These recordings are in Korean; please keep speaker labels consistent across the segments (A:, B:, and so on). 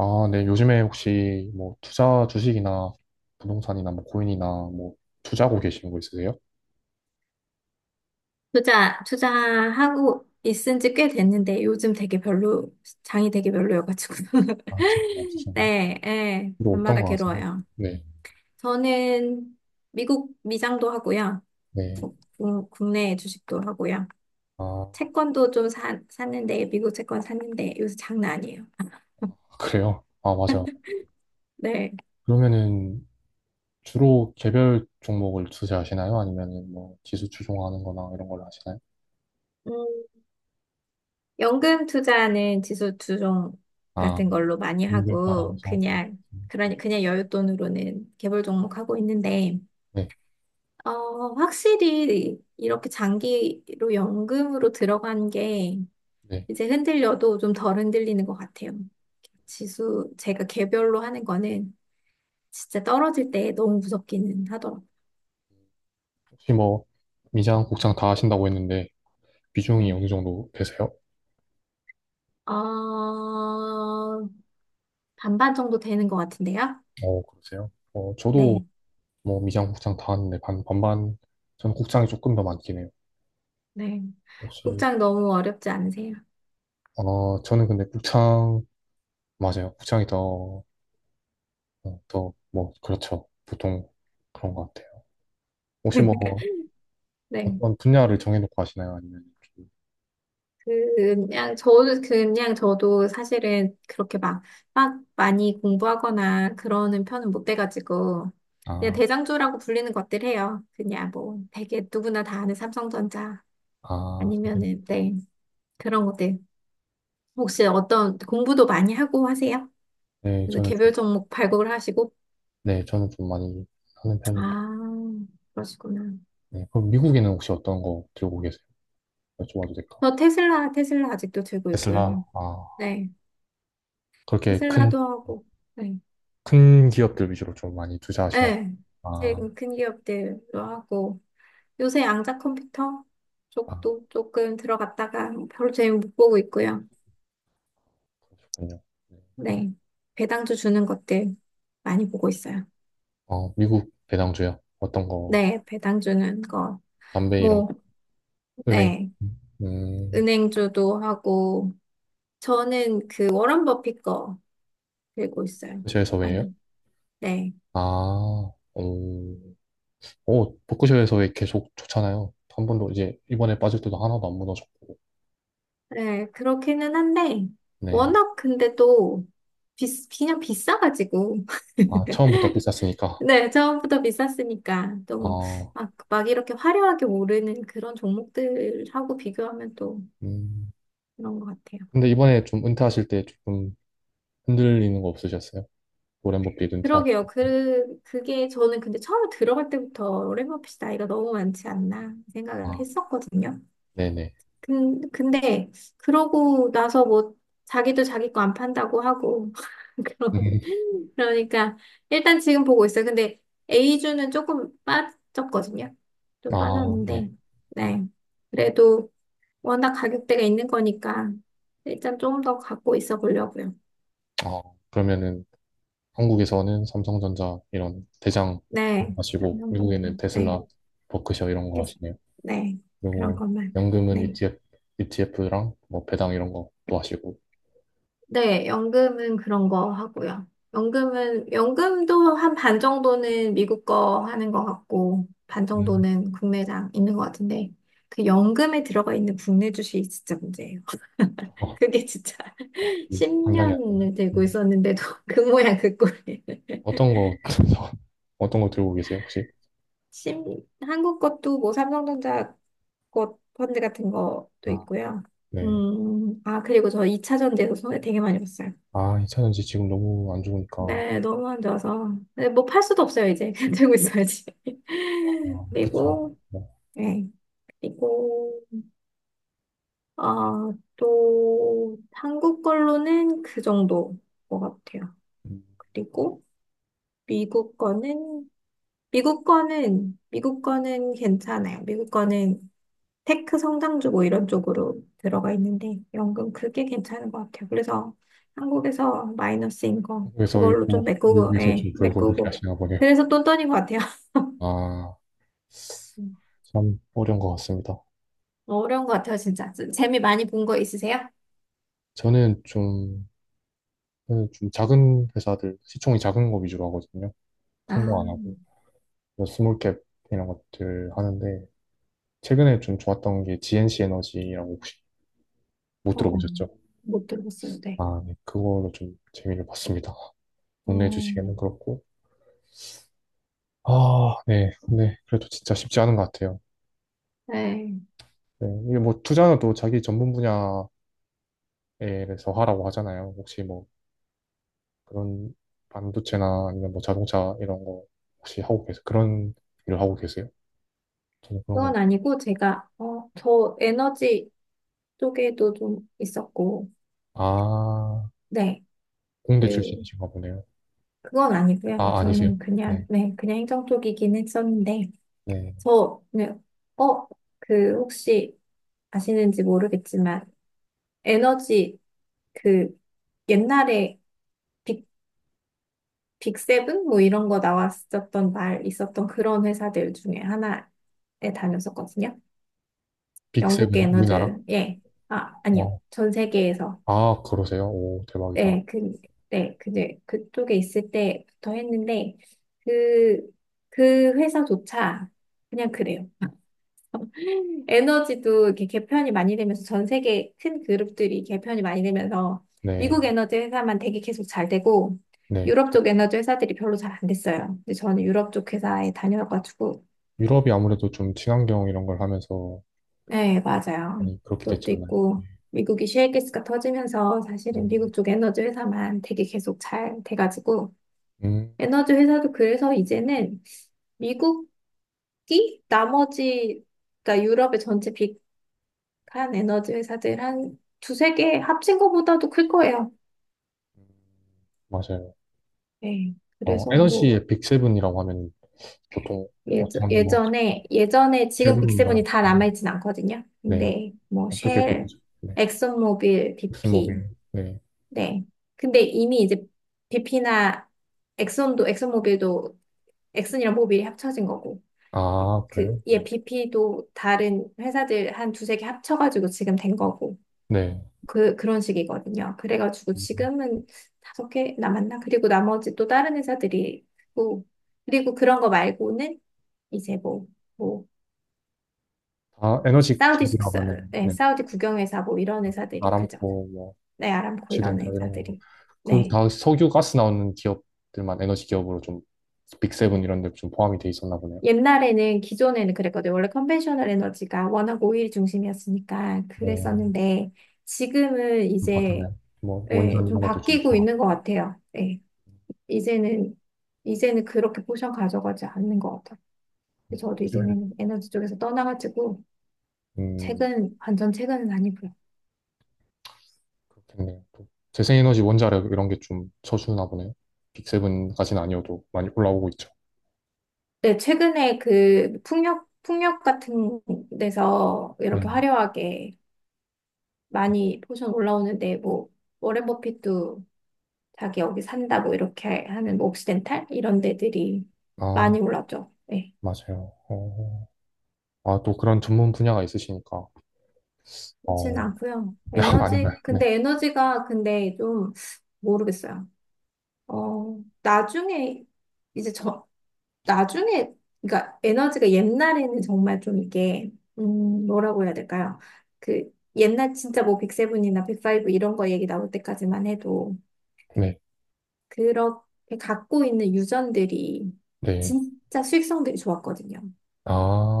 A: 아, 네. 요즘에 혹시 뭐 투자 주식이나 부동산이나 뭐 코인이나 뭐 투자하고 계시는 거 있으세요?
B: 투자하고 있은 지 꽤 됐는데 요즘 되게 별로, 장이 되게 별로여가지고.
A: 아, 제가 없으신가요?
B: 네, 예,
A: 이거 어떤
B: 밤마다
A: 거 하세요?
B: 괴로워요.
A: 네.
B: 저는 미국 미장도 하고요.
A: 네.
B: 국내 주식도 하고요.
A: 아,
B: 채권도 좀 샀는데, 미국 채권 샀는데 요새 장난 아니에요.
A: 그래요? 아, 맞아요.
B: 네.
A: 그러면은 주로 개별 종목을 투자하시나요? 아니면은 뭐 지수 추종하는 거나 이런 걸 하시나요?
B: 음, 연금 투자는 지수 투종
A: 아,
B: 같은 걸로 많이
A: 종목에 따라서.
B: 하고,
A: 다른 거죠.
B: 그냥, 그냥 여윳돈으로는 개별 종목 하고 있는데,
A: 네.
B: 어, 확실히 이렇게 장기로 연금으로 들어간 게
A: 네.
B: 이제 흔들려도 좀 덜 흔들리는 것 같아요. 지수, 제가 개별로 하는 거는 진짜 떨어질 때 너무 무섭기는 하더라고요.
A: 혹시 뭐 미장, 국장 다 하신다고 했는데 비중이
B: 네.
A: 어느 정도 되세요?
B: 어, 반반 정도 되는 것 같은데요?
A: 어, 그러세요? 어, 저도
B: 네.
A: 뭐 미장, 국장 다 하는데 반, 반반. 저는 국장이 조금 더 많긴 해요.
B: 네.
A: 혹시,
B: 국장 너무 어렵지 않으세요?
A: 어, 저는 근데 국장, 맞아요. 국장이 더, 어, 더, 뭐, 그렇죠. 보통 그런 것 같아요. 혹시 뭐,
B: 네.
A: 어떤 분야를 정해놓고 하시나요? 아니면 좀,
B: 그냥 저도 그냥 저도 사실은 그렇게 막 많이 공부하거나 그러는 편은 못 돼가지고 그냥
A: 아,
B: 대장주라고 불리는 것들 해요. 그냥 뭐 되게 누구나 다 아는 삼성전자
A: 아,
B: 아니면은 네 그런 것들 혹시 어떤 공부도 많이 하고 하세요?
A: 네,
B: 그래서
A: 저는
B: 개별
A: 좀,
B: 종목 발굴을 하시고
A: 네, 저는 좀 많이 하는 편이에요.
B: 아 그러시구나.
A: 네, 그럼 미국에는 혹시 어떤 거 들고 계세요? 여쭤봐도 될까?
B: 저 테슬라 아직도 들고
A: 테슬라,
B: 있고요.
A: 아,
B: 네
A: 그렇게 큰,
B: 테슬라도 하고 네
A: 큰 기업들 위주로 좀 많이 투자하시나?
B: 네.
A: 아,
B: 최근 큰 기업들도 하고. 요새 양자 컴퓨터
A: 아,
B: 쪽도 조금 들어갔다가 별로 재미 못 보고 있고요.
A: 그렇군요.
B: 네. 배당주 주는 것들 많이 보고 있어요.
A: 어, 미국 배당주요? 어떤 거?
B: 네, 배당 주는 거.
A: 담배 이런 거?
B: 뭐,
A: 은행?
B: 네.
A: 음,
B: 은행주도 하고, 저는 그 워런 버핏 거 들고 있어요.
A: 복지에서 왜요?
B: 많이. 네.
A: 아, 음, 어, 복에서 왜 계속 좋잖아요. 한 번도 이제 이번에 빠질 때도 하나도 안 무너졌고.
B: 네, 그렇기는 한데,
A: 네.
B: 워낙 근데 또, 비, 그냥 비싸가지고.
A: 아, 처음부터 비쌌으니까.
B: 네, 처음부터 비쌌으니까 또 뭐,
A: 아,
B: 막, 막 이렇게 화려하게 오르는 그런 종목들하고 비교하면 또
A: 음.
B: 그런 것 같아요.
A: 근데 이번에 좀 은퇴하실 때 조금 흔들리는 거 없으셨어요? 워렌 버핏 은퇴하.
B: 그러게요. 그, 그게 저는 근데 처음에 들어갈 때부터 랩머핏이 나이가 너무 많지 않나 생각을
A: 아,
B: 했었거든요.
A: 네네.
B: 근데 그러고 나서 뭐 자기도 자기 거 안 판다고 하고 그러-
A: 음.
B: 그러니까 일단 지금 보고 있어요. 근데 A주는 조금 빠졌거든요. 좀
A: 아, 네.
B: 빠졌는데 네. 그래도 워낙 가격대가 있는 거니까 일단 좀 더 갖고 있어 보려고요.
A: 아, 그러면은 한국에서는 삼성전자 이런 대장
B: 네,
A: 하시고
B: 한번더
A: 미국에는
B: 네,
A: 테슬라, 버크셔 이런 거
B: yes.
A: 하시네요.
B: 네, 그런
A: 그리고
B: 것만.
A: 연금은
B: 네,
A: ETF, ETF랑 뭐 배당 이런 것도 하시고
B: 네, 연금은 그런 거 하고요. 연금은 연금도 한 반 정도는 미국 거 하는 것 같고 반
A: 음,
B: 정도는 국내장 있는 것 같은데 그 연금에 들어가 있는 국내 주식이 진짜 문제예요.
A: 어,
B: 그게 진짜
A: 감당이 안 되나요?
B: 10년을 들고
A: 음.
B: 있었는데도 그 모양 그 꼴.
A: 어떤 거 어떤 거 들고 계세요 혹시?
B: 심, 한국 것도 뭐 삼성전자 것 펀드 같은 것도
A: 아,
B: 있고요.
A: 네.
B: 아, 그리고 저 2차전 돼서 손에 되게 많이 봤어요.
A: 아, 2차전지 지금 너무 안 좋으니까
B: 네, 너무 안 좋아서. 네, 뭐 팔 수도 없어요, 이제. 들고 있어야지.
A: 아, 그쵸.
B: 그리고,
A: 뭐,
B: 네. 그리고, 어, 또, 한국 걸로는 그 정도 것 같아요.
A: 음,
B: 그리고, 미국 거는, 미국 거는 괜찮아요. 미국 거는 테크 성장주고 이런 쪽으로 들어가 있는데 연금 그게 괜찮은 것 같아요. 그래서 한국에서 마이너스인 거
A: 한국에서
B: 그걸로 좀
A: 읽고
B: 메꾸고,
A: 미국에서
B: 예,
A: 좀 벌고 이렇게
B: 메꾸고.
A: 하시나 보네요.
B: 그래서 똔똔인 것 같아요.
A: 아,
B: 음,
A: 참 어려운 것 같습니다.
B: 어려운 것 같아요, 진짜. 좀 재미 많이 본 거 있으세요?
A: 저는 좀 그래서 좀 작은 회사들, 시총이 작은 거 위주로 하거든요.
B: 아,
A: 큰 거 안 하고. 그래서 스몰캡 이런 것들 하는데, 최근에 좀 좋았던 게 GNC 에너지라고 혹시 못
B: 어, 어,
A: 들어보셨죠?
B: 못 들어봤어요. 네.
A: 아, 네. 그걸로 좀 재미를 봤습니다. 국내
B: 어,
A: 주식에는 그렇고. 아, 네. 근데 그래도 진짜 쉽지 않은 것 같아요.
B: 네.
A: 네. 이게 뭐 투자는 또 자기 전문 분야에서 하라고 하잖아요. 혹시 뭐 그런 반도체나 아니면 뭐 자동차 이런 거 혹시 하고 계세요? 그런 일을 하고 계세요? 저는 그런 건,
B: 그건 아니고 제가 어, 저 에너지 쪽에도 좀 있었고,
A: 아,
B: 네.
A: 공대
B: 그,
A: 출신이신가 보네요.
B: 그건 아니고요.
A: 아, 아니세요?
B: 저는 그냥,
A: 네,
B: 네, 그냥 행정 쪽이긴 했었는데,
A: 네.
B: 저, 네. 어, 그, 혹시 아시는지 모르겠지만, 에너지, 그, 옛날에 빅, 빅세븐? 뭐 이런 거 나왔었던 말, 있었던 그런 회사들 중에 하나에 다녔었거든요. 영국의
A: 빅세븐이 우리나라?
B: 에너지, 예. 아, 아니요.
A: 어,
B: 전 세계에서.
A: 아, 그러세요? 오, 대박이다.
B: 네, 그, 네, 그제 그쪽에 있을 때부터 했는데, 그, 그 회사조차 그냥 그래요. 에너지도 이렇게 개편이 많이 되면서 전 세계 큰 그룹들이 개편이 많이 되면서
A: 네,
B: 미국 에너지 회사만 되게 계속 잘 되고
A: 네.
B: 유럽 쪽 에너지 회사들이 별로 잘 안 됐어요. 근데 저는 유럽 쪽 회사에 다녀가지고
A: 유럽이 아무래도 좀 친환경 이런 걸 하면서
B: 네, 맞아요.
A: 많이 그렇게 됐지
B: 그것도
A: 않나요?
B: 있고 미국이 셰일가스가 터지면서 사실은
A: 음,
B: 미국 쪽 에너지 회사만 되게 계속 잘 돼가지고
A: 음,
B: 에너지 회사도 그래서 이제는 미국 이 나머지 그러니까 유럽의 전체 빅 한 에너지 회사들 한 두세 개 합친 것보다도 클 거예요.
A: 맞아요.
B: 네.
A: 어,
B: 그래서 뭐
A: 에너지의 빅세븐이라고 하면 보통
B: 예전,
A: 어떤 뭐
B: 예전에 지금
A: 세븐 이런 거
B: 빅세븐이 다
A: 같은데.
B: 남아있진 않거든요.
A: 네,
B: 근데 뭐
A: 어떻게
B: 쉘,
A: 꼽으죠? 네,
B: 엑슨모빌, BP
A: 엑스모빌. 네,
B: 네. 근데 이미 이제 BP나 엑슨도 엑슨모빌도 엑슨이랑 모빌이 합쳐진 거고
A: 아,
B: 그
A: 그래요?
B: 예,
A: 어.
B: BP도 다른 회사들 한 두세 개 합쳐가지고 지금 된 거고
A: 네.
B: 그, 그런 식이거든요. 그래가지고
A: 음,
B: 지금은 다섯 개 남았나? 그리고 나머지 또 다른 회사들이 있고, 그리고 그런 거 말고는 이제 뭐, 뭐,
A: 다 에너지
B: 사우디
A: 기업이라고
B: 숙사,
A: 하면
B: 네,
A: 네,
B: 사우디 국영회사 뭐 이런 회사들이, 그죠?
A: 아람코 뭐,
B: 네, 아람코 이런
A: 시덴탈 이런 거.
B: 회사들이. 네.
A: 그다 석유 가스 나오는 기업들만 에너지 기업으로 좀 빅세븐 이런 데 좀 포함이 돼 있었나 보네요.
B: 옛날에는, 기존에는 그랬거든요. 원래 컨벤셔널 에너지가 워낙 오일 중심이었으니까
A: 네,
B: 그랬었는데, 지금은
A: 좀
B: 이제,
A: 바뀌었네요. 뭐
B: 예,
A: 원전
B: 좀
A: 이런 것도 좀
B: 바뀌고
A: 들어가고
B: 있는 것 같아요. 예. 이제는 그렇게 포션 가져가지 않는 것 같아요. 저도
A: 요즘에는
B: 이제는 에너지 쪽에서 떠나가지고
A: 음
B: 책은 완전 최근은 아니고요.
A: 그렇겠네요. 또 재생에너지 원자력 이런 게 좀 쳐주나 보네요. 빅세븐까지는 아니어도 많이 올라오고 있죠.
B: 네, 최근에 그 풍력 같은 데서
A: 네,
B: 이렇게 화려하게 많이 포션 올라오는데 뭐 워렌 버핏도 자기 여기 산다고 이렇게 하는 뭐 옥시덴탈 이런 데들이
A: 아
B: 많이 올랐죠. 네,
A: 맞아요. 어, 아또 그런 전문 분야가 있으시니까 어
B: 그렇진 않고요.
A: 아닌가요?
B: 에너지
A: 네,
B: 근데 에너지가 근데 좀 모르겠어요. 어 나중에 이제 저 나중에, 그러니까 에너지가 옛날에는 정말 좀 이게, 뭐라고 해야 될까요? 그, 옛날 진짜 뭐 백세븐이나 백파이브 이런 거 얘기 나올 때까지만 해도
A: 네,
B: 그렇게 갖고 있는 유전들이
A: 네.
B: 진짜 수익성들이 좋았거든요.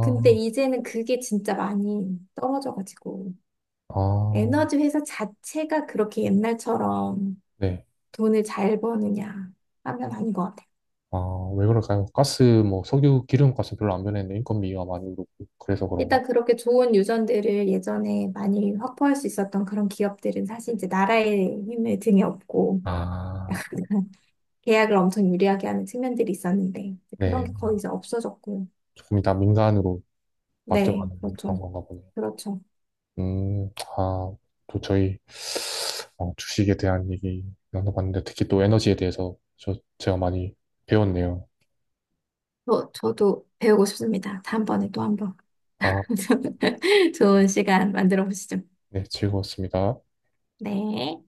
B: 근데 이제는 그게 진짜 많이 떨어져가지고
A: 아,
B: 에너지 회사 자체가 그렇게 옛날처럼
A: 네.
B: 돈을 잘 버느냐 하면 아닌 것 같아요.
A: 아, 왜 그럴까요? 가스, 뭐, 석유, 기름 값은 별로 안 변했는데 인건비가 많이 오르고, 그래서 그런가?
B: 일단 그렇게 좋은 유전들을 예전에 많이 확보할 수 있었던 그런 기업들은 사실 이제 나라의 힘을 등에 업고
A: 아,
B: 계약을 엄청 유리하게 하는 측면들이 있었는데 이제 그런
A: 네.
B: 게 거의 이제 없어졌고.
A: 조금 이따 민간으로
B: 네,
A: 바뀌어가는 그런
B: 그렇죠.
A: 건가 보네요.
B: 그렇죠.
A: 음, 아, 또 저희, 어, 주식에 대한 얘기 나눠봤는데, 특히 또 에너지에 대해서 저, 제가 많이 배웠네요.
B: 저도 배우고 싶습니다. 다음번에 또 한번
A: 아, 좋습니다.
B: 좋은 시간 만들어 보시죠.
A: 네, 즐거웠습니다.
B: 네.